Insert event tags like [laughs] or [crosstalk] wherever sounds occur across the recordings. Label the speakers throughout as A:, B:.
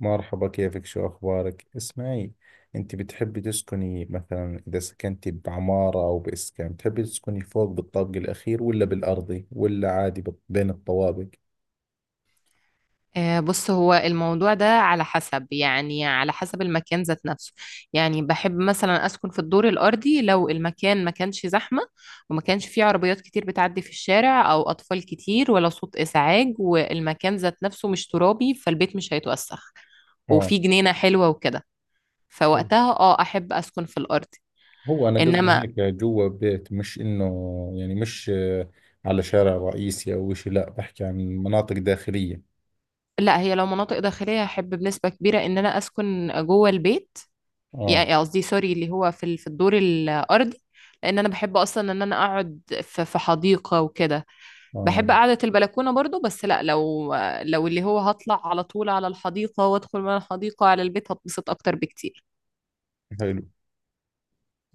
A: مرحبا، كيفك؟ شو أخبارك؟ اسمعي، أنت بتحبي تسكني مثلا إذا سكنتي بعمارة أو بإسكان، بتحبي تسكني فوق بالطابق الأخير، ولا بالأرضي، ولا عادي بين الطوابق؟
B: آه، بص، هو الموضوع ده على حسب المكان ذات نفسه. يعني بحب مثلا أسكن في الدور الأرضي لو المكان ما كانش زحمة، وما كانش فيه عربيات كتير بتعدي في الشارع أو أطفال كتير ولا صوت إزعاج، والمكان ذات نفسه مش ترابي فالبيت مش هيتوسخ،
A: آه،
B: وفي جنينة حلوة وكده.
A: حلو.
B: فوقتها اه أحب أسكن في الأرض.
A: هو أنا قصدي
B: إنما
A: هيك جوا بيت، مش إنه يعني، مش، على شارع رئيسي أو إشي، لا بحكي عن مناطق داخلية.
B: لا، هي لو مناطق داخلية أحب بنسبة كبيرة إن أنا أسكن جوه البيت.
A: آه
B: يعني قصدي، سوري، اللي هو في الدور الأرضي. لأن أنا بحب أصلا إن أنا أقعد في حديقة وكده. بحب
A: آه،
B: قعدة البلكونة برضو، بس لأ، لو اللي هو هطلع على طول على الحديقة وأدخل من الحديقة على البيت هتبسط أكتر بكتير.
A: حلو.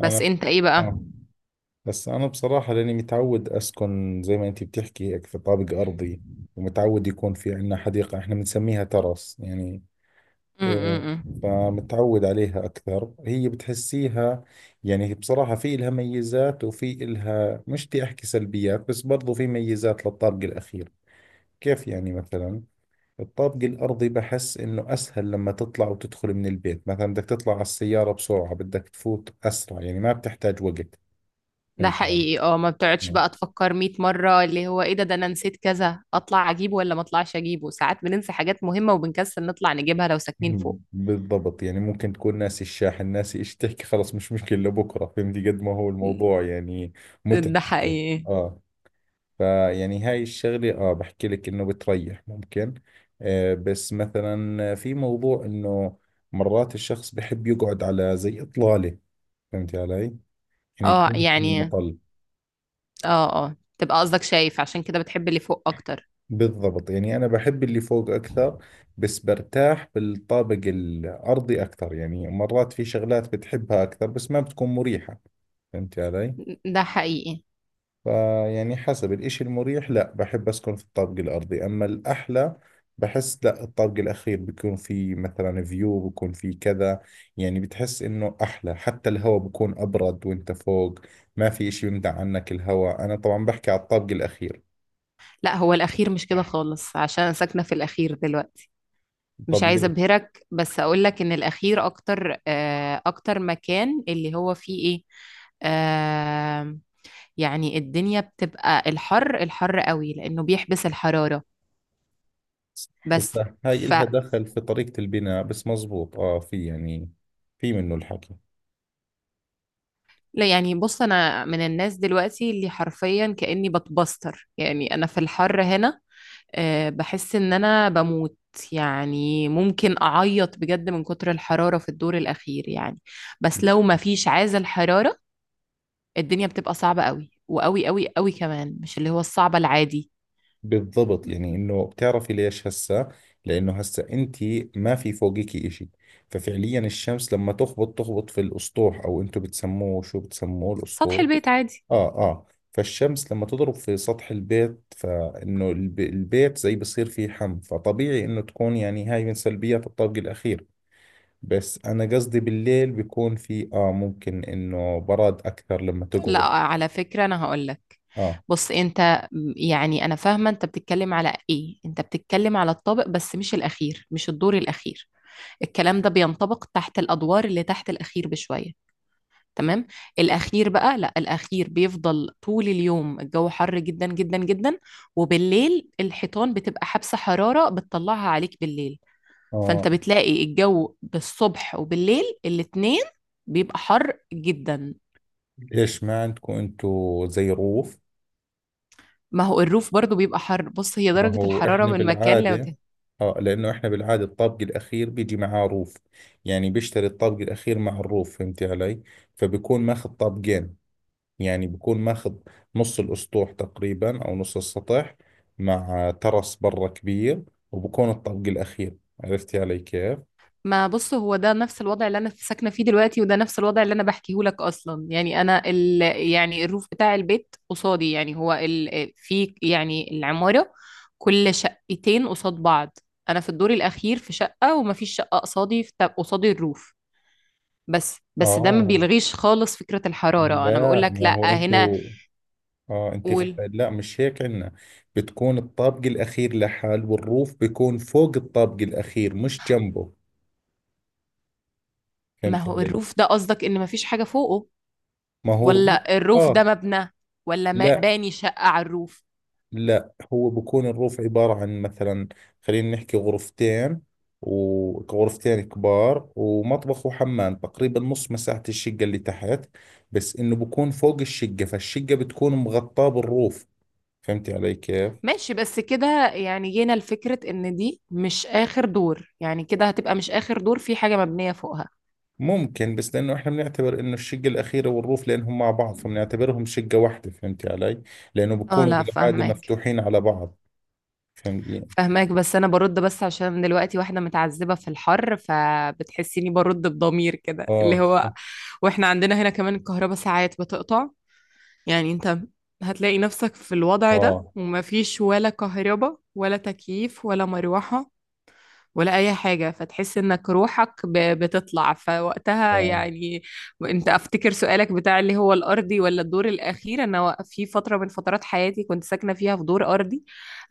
B: بس
A: أنا
B: أنت إيه بقى؟
A: آه بس أنا بصراحة، لأني متعود أسكن زي ما أنتي بتحكي، هيك في طابق أرضي، ومتعود يكون في عندنا حديقة، إحنا بنسميها ترس يعني.
B: م
A: إيه،
B: -م -م.
A: فمتعود عليها أكثر، هي بتحسيها يعني. بصراحة في إلها ميزات، وفي إلها، مش بدي أحكي سلبيات، بس برضو في ميزات للطابق الأخير. كيف يعني؟ مثلا الطابق الأرضي بحس إنه أسهل لما تطلع وتدخل من البيت، مثلا بدك تطلع على السيارة بسرعة، بدك تفوت أسرع، يعني ما بتحتاج وقت.
B: ده
A: فهمت.
B: حقيقي، اه، ما بتقعدش بقى تفكر 100 مرة اللي هو ايه، ده انا نسيت كذا، اطلع اجيبه ولا ما اطلعش اجيبه، ساعات بننسى حاجات مهمة وبنكسل نطلع نجيبها لو ساكنين فوق.
A: بالضبط، يعني ممكن تكون ناسي الشاحن، ناسي ايش تحكي، خلص مش مشكلة لبكرة، فهمتي قد ما هو الموضوع يعني متعب.
B: ده حقيقي
A: اه، فيعني هاي الشغلة، اه، بحكي لك انه بتريح ممكن. آه، بس مثلا في موضوع انه مرات الشخص بحب يقعد على زي اطلالة، فهمتي علي؟ يعني
B: اه.
A: يكون في
B: يعني
A: مطلة.
B: اه اه، تبقى قصدك شايف عشان كده بتحب اللي فوق اكتر.
A: بالضبط، يعني أنا بحب اللي فوق أكثر، بس برتاح بالطابق الأرضي أكثر، يعني مرات في شغلات بتحبها أكثر بس ما بتكون مريحة، فهمت علي؟
B: ده حقيقي.
A: فيعني حسب الإشي المريح، لا بحب أسكن في الطابق الأرضي، أما الأحلى، بحس لا، الطابق الأخير بيكون في مثلا فيو، بيكون في كذا، يعني بتحس إنه أحلى. حتى الهواء بيكون أبرد وإنت فوق، ما في إشي يمنع عنك الهواء، أنا طبعا بحكي على الطابق الأخير.
B: لا، هو الاخير مش كده خالص عشان انا ساكنه في الاخير دلوقتي. مش
A: طب
B: عايزه
A: ليه؟
B: ابهرك بس اقول لك ان الاخير اكتر، آه، اكتر مكان اللي هو فيه ايه. آه، يعني الدنيا بتبقى الحر، الحر قوي لانه بيحبس الحراره. بس
A: هسا هاي
B: ف
A: إلها دخل في طريقة البناء، بس مزبوط، في يعني، في منه الحكي.
B: لا، يعني بص، انا من الناس دلوقتي اللي حرفيا كاني بتبستر، يعني انا في الحر هنا، آه، بحس ان انا بموت. يعني ممكن اعيط بجد من كتر الحرارة في الدور الاخير، يعني بس لو ما فيش عازل حرارة الدنيا بتبقى صعبة قوي وقوي قوي قوي كمان، مش اللي هو الصعبة العادي.
A: بالضبط، يعني إنه، بتعرفي ليش هسا؟ لأنه هسا أنت ما في فوقك إشي، ففعليا الشمس لما تخبط تخبط في الأسطوح، أو أنتم بتسموه، شو بتسموه
B: سطح
A: الأسطوح؟
B: البيت عادي.
A: آه آه، فالشمس لما تضرب في سطح البيت فإنه البيت زي بصير فيه حم، فطبيعي إنه تكون، يعني هاي من سلبيات الطابق الأخير. بس أنا قصدي بالليل بيكون في، ممكن إنه برد أكثر لما
B: لا
A: تقعد.
B: على فكرة انا هقولك،
A: آه
B: بص، انت يعني انا فاهمة انت بتتكلم على ايه، انت بتتكلم على الطابق بس مش الاخير، مش الدور الاخير. الكلام ده بينطبق تحت، الادوار اللي تحت الاخير بشوية، تمام. الأخير بقى لا، الأخير بيفضل طول اليوم الجو حر جدا جدا جدا. وبالليل الحيطان بتبقى حابسة حرارة بتطلعها عليك بالليل.
A: آه،
B: فأنت بتلاقي الجو بالصبح وبالليل الاتنين بيبقى حر جدا.
A: ليش ما عندكم أنتوا زي روف؟
B: ما هو الروف برضو بيبقى حر، بص هي
A: ما
B: درجة
A: هو
B: الحرارة
A: إحنا
B: من مكان
A: بالعادة،
B: لمكان.
A: آه، لأنه إحنا بالعادة الطابق الأخير بيجي معاه روف، يعني بيشتري الطابق الأخير مع الروف، فهمتي علي؟ فبيكون ماخذ طابقين، يعني بيكون ماخذ نص الأسطوح تقريبا أو نص السطح، مع ترس برا كبير، وبكون الطابق الأخير. عرفتي علي كيف؟
B: ما بص، هو ده نفس الوضع اللي انا ساكنه فيه دلوقتي، وده نفس الوضع اللي انا بحكيه لك اصلا. يعني انا يعني الروف بتاع البيت قصادي، يعني هو في يعني العماره كل شقتين قصاد بعض. انا في الدور الاخير في شقه، ومفيش شقه قصادي الروف. بس ده ما
A: آه،
B: بيلغيش خالص فكره الحراره. انا بقول
A: لا،
B: لك
A: ما
B: لا
A: هو
B: هنا.
A: انتوا، اه،
B: قول.
A: لا مش هيك عندنا. بتكون الطابق الاخير لحال، والروف بيكون فوق الطابق الاخير مش جنبه،
B: ما
A: فهمت
B: هو
A: علي؟
B: الروف ده، قصدك ان مفيش حاجه فوقه،
A: ما هو الروف،
B: ولا الروف ده
A: اه
B: مبنى، ولا
A: لا
B: باني شقه على الروف.
A: لا، هو بكون الروف عبارة عن مثلا، خلينا نحكي غرفتين، وغرفتين كبار ومطبخ وحمام، تقريبا نص مساحة الشقة اللي تحت، بس انه بكون فوق الشقة، فالشقة بتكون مغطاة بالروف، فهمتي علي كيف؟
B: ماشي، بس كده يعني جينا لفكرة ان دي مش اخر دور، يعني كده هتبقى مش اخر دور في حاجة مبنية فوقها.
A: ممكن، بس لانه احنا بنعتبر انه الشقه الاخيره والروف، لانهم مع بعض فبنعتبرهم شقه واحده، فهمتي علي؟ لانه
B: اه
A: بكونوا
B: لا،
A: بالعاده
B: فاهماك
A: مفتوحين على بعض. فهمتي؟
B: فاهماك، بس انا برد بس عشان دلوقتي واحدة متعذبة في الحر فبتحسيني برد بضمير كده
A: اه،
B: اللي هو.
A: صح.
B: واحنا عندنا هنا كمان الكهرباء ساعات بتقطع، يعني انت هتلاقي نفسك في الوضع ده
A: اه
B: ومفيش ولا كهرباء ولا تكييف ولا مروحة ولا أي حاجة، فتحس إنك روحك بتطلع فوقتها
A: اه،
B: يعني. أنت أفتكر سؤالك بتاع اللي هو الأرضي ولا الدور الأخير، أنا في فترة من فترات حياتي كنت ساكنة فيها في دور أرضي.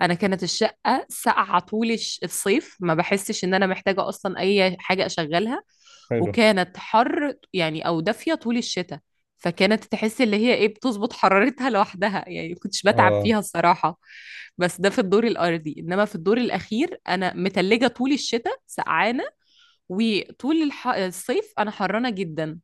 B: أنا كانت الشقة ساقعة طول الصيف، ما بحسش إن أنا محتاجة أصلا أي حاجة أشغلها.
A: حلو.
B: وكانت حر يعني أو دافية طول الشتاء. فكانت تحس اللي هي ايه، بتظبط حرارتها لوحدها، يعني ما كنتش بتعب
A: اه
B: فيها الصراحة. بس ده في الدور الأرضي، إنما في الدور الأخير أنا متلجة طول الشتاء سقعانة، وطول الصيف أنا حرانة جدا.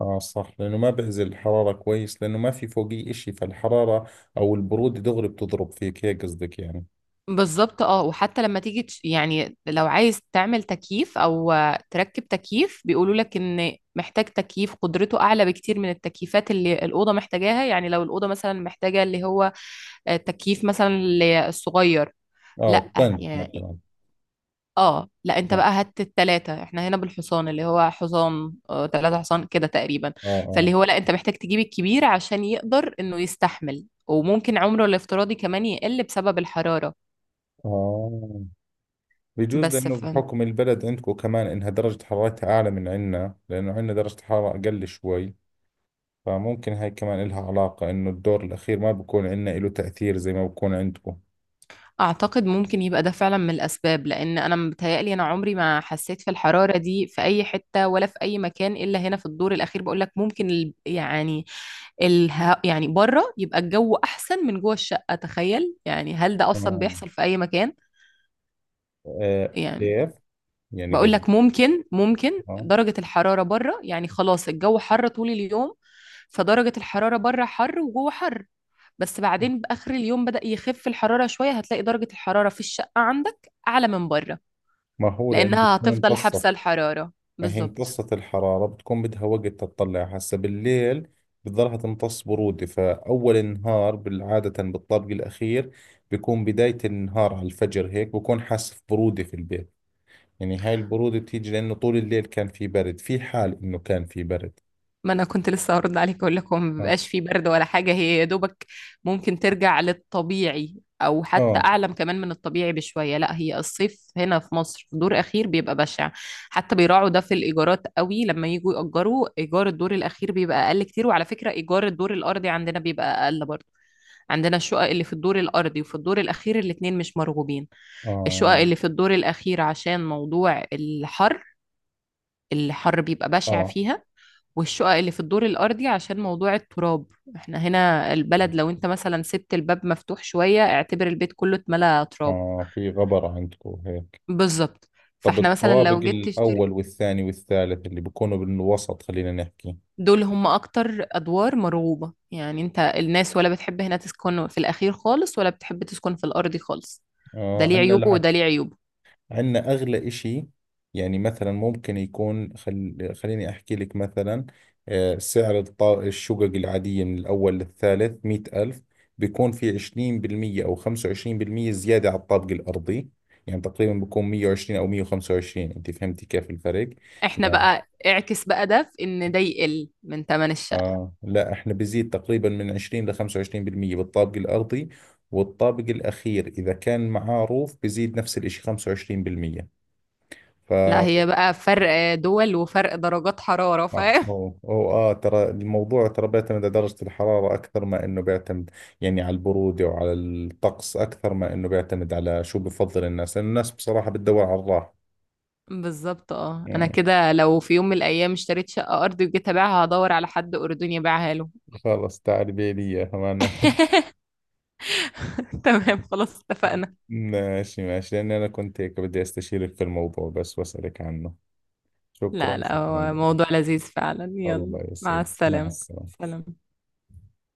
A: اه، صح، لانه ما بعزل الحراره كويس، لانه ما في فوقيه اشي، فالحراره او البروده دغري بتضرب فيك هيك، قصدك يعني؟
B: بالظبط، اه، وحتى لما تيجي يعني لو عايز تعمل تكييف، او آه، تركب تكييف، بيقولوا لك ان محتاج تكييف قدرته اعلى بكتير من التكييفات اللي الاوضه محتاجاها. يعني لو الاوضه مثلا محتاجه اللي هو آه، تكييف مثلا الصغير.
A: اه،
B: لا،
A: تن مثلا.
B: اه لا، انت
A: اه
B: بقى هات التلاتة. احنا هنا بالحصان، اللي هو حصان آه، تلاتة حصان كده تقريبا.
A: اه اه
B: فاللي هو لا، انت محتاج تجيب الكبير عشان يقدر انه يستحمل، وممكن عمره الافتراضي كمان يقل بسبب الحرارة.
A: اه. بجوز،
B: بس
A: لأنه
B: فن
A: بحكم البلد عندكم كمان إنها درجة حرارتها أعلى من عنا، لأنه عنا درجة حرارة أقل شوي، فممكن هاي كمان إلها علاقة إنه الدور الأخير ما بكون عندنا إله تأثير زي ما بكون عندكم.
B: اعتقد ممكن يبقى ده فعلا من الاسباب، لان انا متهيألي انا عمري ما حسيت في الحرارة دي في اي حتة ولا في اي مكان الا هنا في الدور الاخير. بقول لك ممكن يعني الها يعني بره يبقى الجو احسن من جوه الشقة. تخيل يعني، هل ده اصلا
A: آه.
B: بيحصل في اي مكان؟
A: آه،
B: يعني
A: كيف؟ يعني
B: بقول
A: قصدي،
B: لك ممكن، ممكن
A: آه
B: درجة الحرارة بره يعني خلاص، الجو حر طول اليوم. فدرجة الحرارة بره حر وجوه حر، بس بعدين بآخر اليوم بدأ يخف الحرارة شوية، هتلاقي درجة الحرارة في الشقة عندك أعلى من بره
A: ما هو لأنه
B: لأنها
A: بتكون
B: هتفضل حابسة
A: امتصت.
B: الحرارة.
A: ما هي
B: بالظبط.
A: امتصت الحرارة، بتكون بدها وقت تطلع هسا بالليل، بتضلها تمتص برودة، فأول النهار بالعادة بالطابق الأخير بيكون بداية النهار على الفجر هيك، بكون حاسس برودة في البيت. يعني هاي البرودة بتيجي لأنه طول الليل كان في برد، في حال إنه كان في برد.
B: ما انا كنت لسه هرد عليك اقول لك، هو ما
A: آه
B: بيبقاش فيه برد ولا حاجه، هي يا دوبك ممكن ترجع للطبيعي او حتى
A: آه
B: اعلى كمان من الطبيعي بشويه. لا، هي الصيف هنا في مصر في دور اخير بيبقى بشع. حتى بيراعوا ده في الايجارات قوي، لما يجوا ياجروا ايجار الدور الاخير بيبقى اقل كتير، وعلى فكره ايجار الدور الارضي عندنا بيبقى اقل برضه. عندنا الشقق اللي في الدور الارضي وفي الدور الاخير الاتنين مش مرغوبين. الشقق
A: آه
B: اللي في الدور الأخير عشان موضوع الحر، الحر بيبقى بشع
A: آه
B: فيها. والشقق اللي في الدور الأرضي عشان موضوع التراب، احنا هنا البلد لو انت مثلا سبت الباب مفتوح شوية اعتبر البيت كله اتملى تراب.
A: آه، في غبرة عندكم هيك.
B: بالظبط.
A: طب
B: فاحنا مثلا
A: الطوابق
B: لو جيت تشتري،
A: الأول والثاني والثالث اللي بيكونوا بالوسط، خلينا نحكي،
B: دول هم أكتر أدوار مرغوبة. يعني انت، الناس ولا بتحب هنا تسكن في الأخير خالص ولا بتحب تسكن في الأرضي خالص، ده
A: آه،
B: ليه
A: عندنا
B: عيوبه وده
A: العكس.
B: ليه عيوبه.
A: عندنا أغلى إشي، يعني مثلا ممكن يكون، خليني أحكي لك مثلا. آه، سعر الشقق العادية من الأول للثالث مئة ألف، بيكون في عشرين بالمية أو خمسة وعشرين بالمية زيادة على الطابق الأرضي، يعني تقريبا بيكون مية وعشرين أو مية وخمسة وعشرين، أنت فهمتي كيف الفرق؟
B: احنا
A: يعني
B: بقى اعكس بقى، ده في ان ده يقل من تمن الشقة.
A: لا احنا بيزيد تقريبا من 20 ل 25% بالطابق الأرضي، والطابق الأخير إذا كان معاه روف بيزيد نفس الإشي 25%. ف
B: لا، هي بقى فرق دول وفرق درجات حرارة،
A: صح،
B: فاهم.
A: هو ترى الموضوع، ترى بيعتمد على درجة الحرارة أكثر ما إنه بيعتمد، يعني على البرودة وعلى الطقس، أكثر ما إنه بيعتمد على شو بفضل الناس، لأن الناس بصراحة بتدور على الراحة.
B: بالظبط، اه، انا
A: مم.
B: كده لو في يوم من الايام اشتريت شقة ارضي وجيت ابيعها هدور على حد اردني يبيعها له.
A: خلص، تعال بيلي إياها معناته [laughs]
B: [laughs] تمام، خلاص، اتفقنا.
A: ماشي ماشي، لأني أنا كنت هيك بدي أستشيرك في الموضوع بس، وأسألك عنه.
B: لا
A: شكرا،
B: لا،
A: شكرا
B: هو
A: لك.
B: موضوع لذيذ فعلا، يلا
A: الله
B: مع
A: يسعدك، مع
B: السلامة.
A: السلامة.
B: سلام.